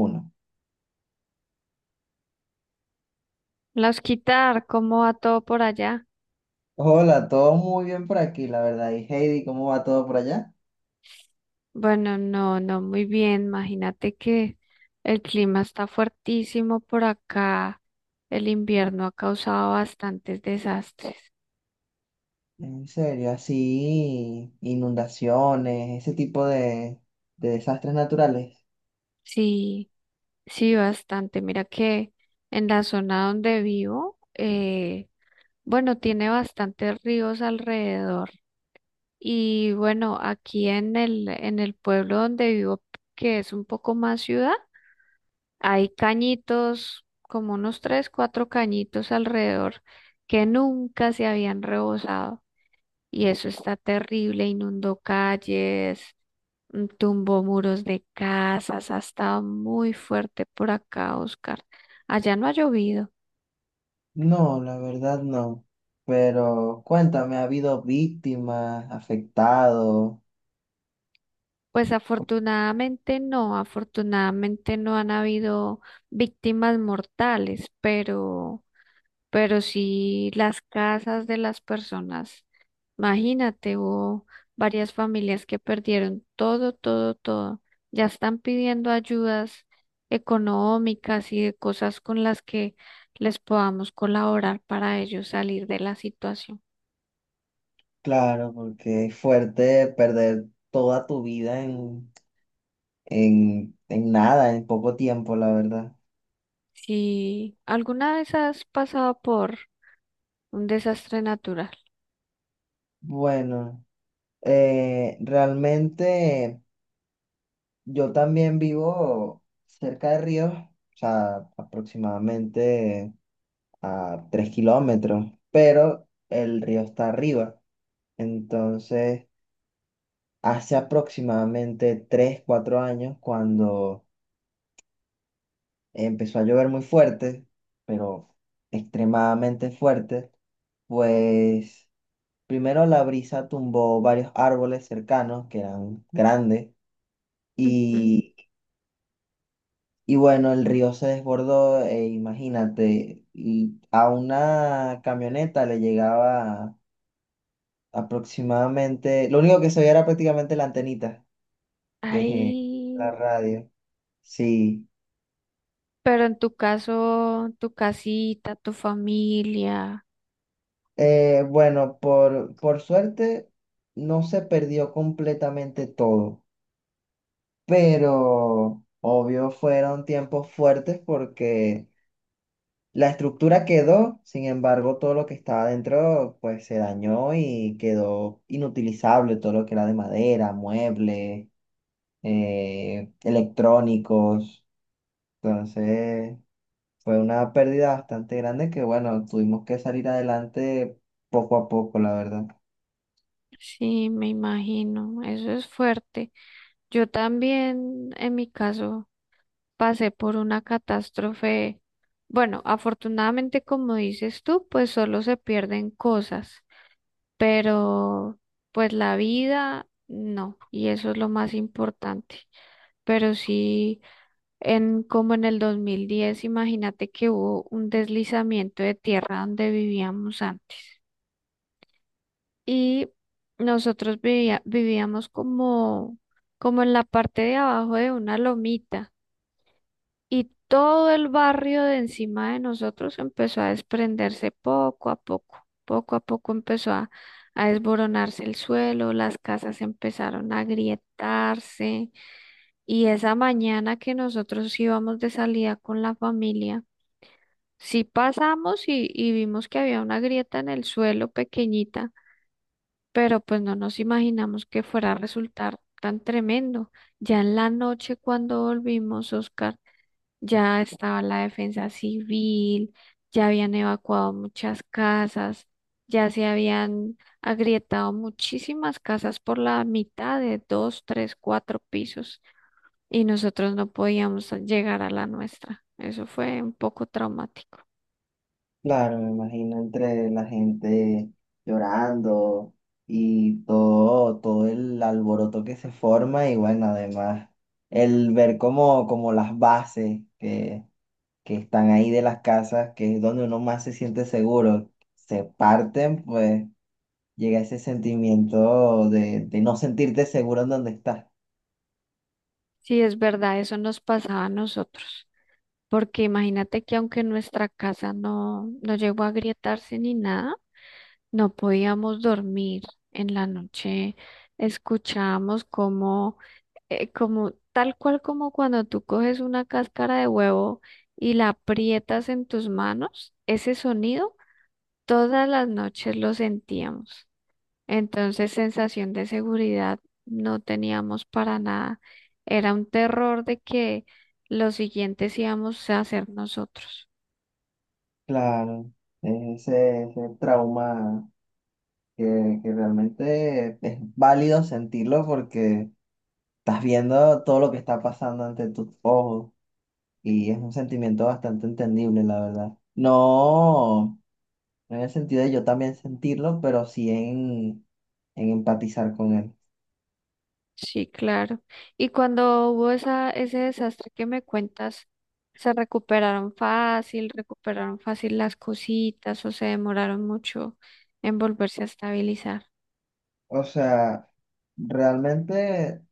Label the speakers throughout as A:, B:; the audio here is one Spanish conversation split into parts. A: Uno.
B: Las quitar, ¿cómo va todo por allá?
A: Hola, todo muy bien por aquí, la verdad. Y Heidi, ¿cómo va todo por allá?
B: Bueno, no, no, muy bien. Imagínate que el clima está fuertísimo por acá. El invierno ha causado bastantes desastres.
A: En serio, así, inundaciones, ese tipo de desastres naturales.
B: Sí, sí, bastante. Mira que en la zona donde vivo, bueno, tiene bastantes ríos alrededor. Y bueno, aquí en el pueblo donde vivo, que es un poco más ciudad. Hay cañitos, como unos tres, cuatro cañitos alrededor que nunca se habían rebosado. Y eso está terrible, inundó calles, tumbó muros de casas, ha estado muy fuerte por acá, Oscar. Allá no ha llovido.
A: No, la verdad no. Pero cuéntame, ¿ha habido víctimas, afectados?
B: Pues
A: Co-
B: afortunadamente no han habido víctimas mortales, pero sí las casas de las personas. Imagínate, hubo varias familias que perdieron todo, todo, todo. Ya están pidiendo ayudas económicas y de cosas con las que les podamos colaborar para ellos salir de la situación.
A: Claro, porque es fuerte perder toda tu vida en nada, en poco tiempo, la verdad.
B: Si alguna vez has pasado por un desastre natural,
A: Bueno, realmente. Yo también vivo cerca de ríos, o sea, aproximadamente a 3 kilómetros, pero el río está arriba. Entonces, hace aproximadamente 3, 4 años, cuando empezó a llover muy fuerte, pero extremadamente fuerte, pues primero la brisa tumbó varios árboles cercanos que eran grandes
B: ujú.
A: y Y bueno, el río se desbordó, e imagínate, y a una camioneta le llegaba aproximadamente, lo único que se veía era prácticamente la antenita de la
B: Ay,
A: radio. Sí.
B: pero en tu caso, tu casita, tu familia.
A: Bueno, por suerte no se perdió completamente todo, pero obvio fueron tiempos fuertes porque la estructura quedó, sin embargo, todo lo que estaba dentro pues se dañó y quedó inutilizable, todo lo que era de madera, muebles, electrónicos. Entonces fue una pérdida bastante grande que bueno, tuvimos que salir adelante poco a poco, la verdad.
B: Sí, me imagino, eso es fuerte. Yo también, en mi caso, pasé por una catástrofe. Bueno, afortunadamente, como dices tú, pues solo se pierden cosas, pero pues la vida no, y eso es lo más importante. Pero sí, en como en el 2010, imagínate que hubo un deslizamiento de tierra donde vivíamos antes. Y nosotros vivíamos como, como en la parte de abajo de una lomita y todo el barrio de encima de nosotros empezó a desprenderse poco a poco empezó a desboronarse el suelo, las casas empezaron a agrietarse y esa mañana que nosotros íbamos de salida con la familia, sí pasamos y vimos que había una grieta en el suelo pequeñita, pero pues no nos imaginamos que fuera a resultar tan tremendo. Ya en la noche cuando volvimos, Oscar, ya estaba la defensa civil, ya habían evacuado muchas casas, ya se habían agrietado muchísimas casas por la mitad de dos, tres, cuatro pisos y nosotros no podíamos llegar a la nuestra. Eso fue un poco traumático.
A: Claro, me imagino entre la gente llorando y todo, todo el alboroto que se forma y bueno, además el ver como, como las bases que están ahí de las casas, que es donde uno más se siente seguro, se parten, pues llega ese sentimiento de no sentirte seguro en donde estás.
B: Sí, es verdad, eso nos pasaba a nosotros. Porque imagínate que aunque nuestra casa no, no llegó a agrietarse ni nada, no podíamos dormir en la noche. Escuchábamos como, como tal cual como cuando tú coges una cáscara de huevo y la aprietas en tus manos, ese sonido todas las noches lo sentíamos. Entonces, sensación de seguridad no teníamos para nada. Era un terror de que los siguientes íbamos a ser nosotros.
A: Claro, es ese trauma que realmente es válido sentirlo porque... Estás viendo todo lo que está pasando ante tus ojos y es un sentimiento bastante entendible, la verdad. No, no en el sentido de yo también sentirlo, pero sí en empatizar con él.
B: Sí, claro. Y cuando hubo esa, ese desastre que me cuentas, ¿se recuperaron fácil las cositas o se demoraron mucho en volverse a estabilizar?
A: O sea, realmente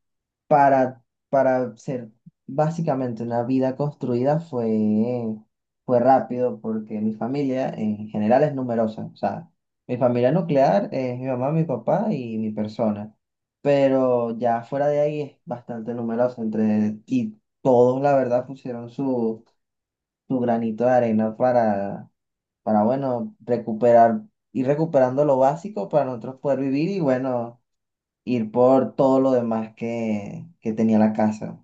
A: para, para ser básicamente una vida construida fue, fue rápido porque mi familia en general es numerosa. O sea, mi familia nuclear es mi mamá, mi papá y mi persona. Pero ya fuera de ahí es bastante numerosa entre, y todos, la verdad, pusieron su granito de arena para, bueno, recuperar, ir recuperando lo básico para nosotros poder vivir y, bueno, ir por todo lo demás que tenía la casa.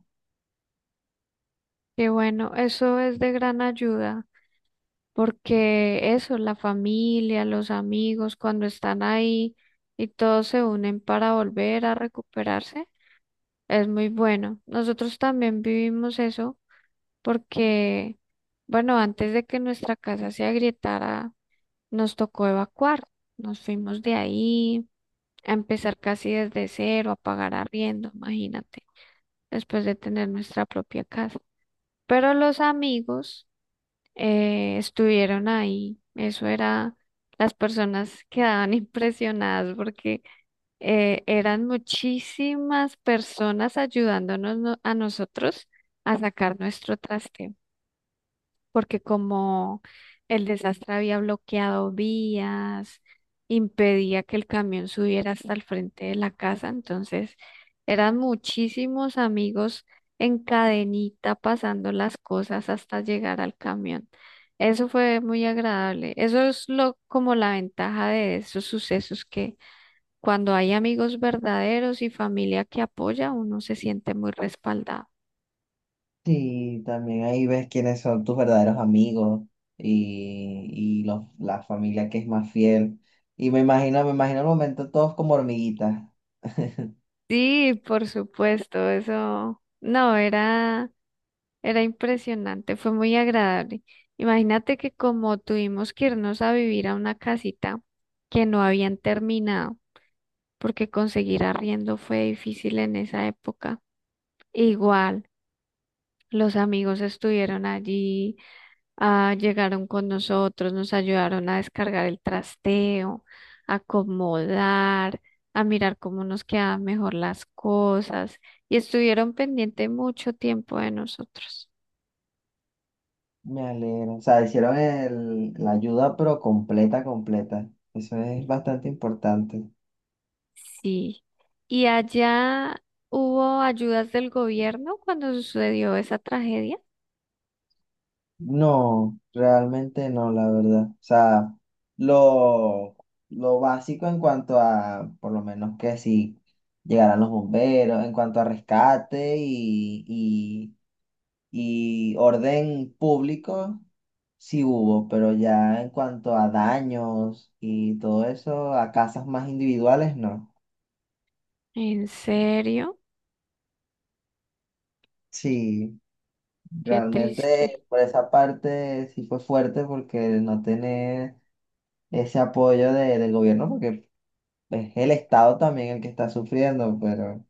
B: Qué bueno, eso es de gran ayuda, porque eso, la familia, los amigos, cuando están ahí y todos se unen para volver a recuperarse, es muy bueno. Nosotros también vivimos eso porque, bueno, antes de que nuestra casa se agrietara, nos tocó evacuar. Nos fuimos de ahí a empezar casi desde cero, a pagar arriendo, imagínate, después de tener nuestra propia casa. Pero los amigos estuvieron ahí. Eso era, las personas quedaban impresionadas porque eran muchísimas personas ayudándonos a nosotros a sacar nuestro traste. Porque como el desastre había bloqueado vías, impedía que el camión subiera hasta el frente de la casa, entonces eran muchísimos amigos en cadenita pasando las cosas hasta llegar al camión. Eso fue muy agradable. Eso es lo como la ventaja de esos sucesos que cuando hay amigos verdaderos y familia que apoya, uno se siente muy respaldado.
A: Sí, también ahí ves quiénes son tus verdaderos amigos y, y los, la familia que es más fiel. Y me imagino el momento todos como hormiguitas.
B: Sí, por supuesto, eso no era. Era impresionante, fue muy agradable. Imagínate que como tuvimos que irnos a vivir a una casita que no habían terminado, porque conseguir arriendo fue difícil en esa época. Igual, los amigos estuvieron allí, ah, llegaron con nosotros, nos ayudaron a descargar el trasteo, a acomodar, a mirar cómo nos quedaban mejor las cosas y estuvieron pendiente mucho tiempo de nosotros.
A: Me alegro. O sea, hicieron el, la ayuda, pero completa, completa. Eso es bastante importante.
B: Sí. ¿Y allá hubo ayudas del gobierno cuando sucedió esa tragedia?
A: No, realmente no, la verdad. O sea, lo, lo básico en cuanto a, por lo menos que si llegaran los bomberos, en cuanto a rescate y orden público sí hubo, pero ya en cuanto a daños y todo eso, a casas más individuales, no.
B: ¿En serio?
A: Sí,
B: Qué triste.
A: realmente por esa parte sí fue fuerte porque no tener ese apoyo de- del gobierno, porque es el Estado también el que está sufriendo, pero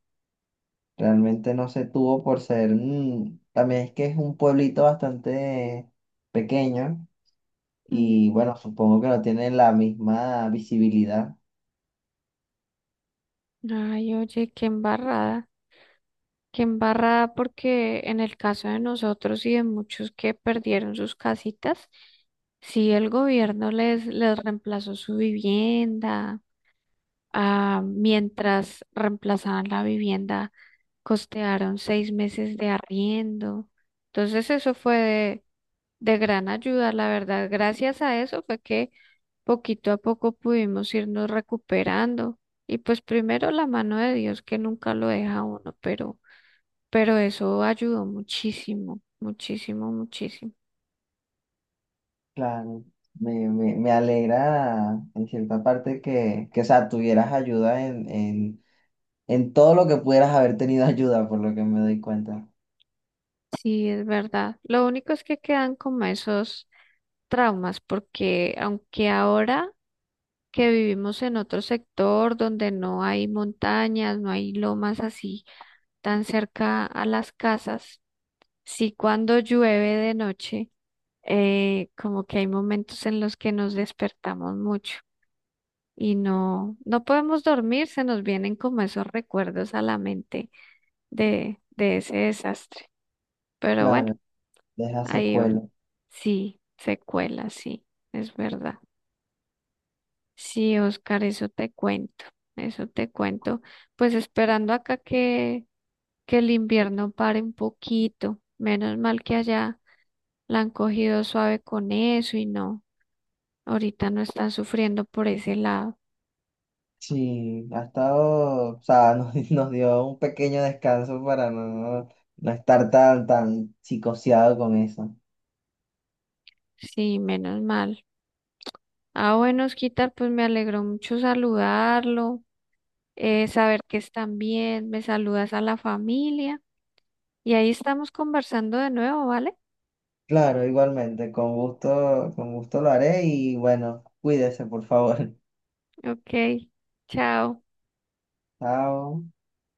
A: realmente no se tuvo por ser, también es que es un pueblito bastante pequeño
B: Mm.
A: y bueno, supongo que no tiene la misma visibilidad.
B: Ay, oye, qué embarrada. Qué embarrada porque en el caso de nosotros y de muchos que perdieron sus casitas, sí, el gobierno les, les reemplazó su vivienda. Ah, mientras reemplazaban la vivienda, costearon 6 meses de arriendo. Entonces eso fue de gran ayuda, la verdad. Gracias a eso fue que poquito a poco pudimos irnos recuperando. Y pues primero la mano de Dios que nunca lo deja a uno, pero eso ayudó muchísimo, muchísimo, muchísimo.
A: Claro, me alegra en cierta parte o sea, tuvieras ayuda en todo lo que pudieras haber tenido ayuda, por lo que me doy cuenta.
B: Sí, es verdad. Lo único es que quedan como esos traumas, porque aunque ahora que vivimos en otro sector donde no hay montañas, no hay lomas así tan cerca a las casas. Sí, cuando llueve de noche, como que hay momentos en los que nos despertamos mucho y no, no podemos dormir, se nos vienen como esos recuerdos a la mente de ese desastre. Pero bueno,
A: Claro, deja
B: ahí va.
A: secuela.
B: Sí, secuela, sí, es verdad. Sí, Oscar, eso te cuento, eso te cuento. Pues esperando acá que el invierno pare un poquito. Menos mal que allá la han cogido suave con eso y no, ahorita no están sufriendo por ese lado.
A: Sí, ha estado, o sea, nos, nos dio un pequeño descanso para no, no estar tan psicoseado con eso.
B: Sí, menos mal. Ah, bueno, Osquitar, pues me alegró mucho saludarlo, saber que están bien, me saludas a la familia y ahí estamos conversando de nuevo, ¿vale?
A: Claro, igualmente, con gusto lo haré y bueno, cuídese, por favor.
B: Ok, chao.
A: Chao.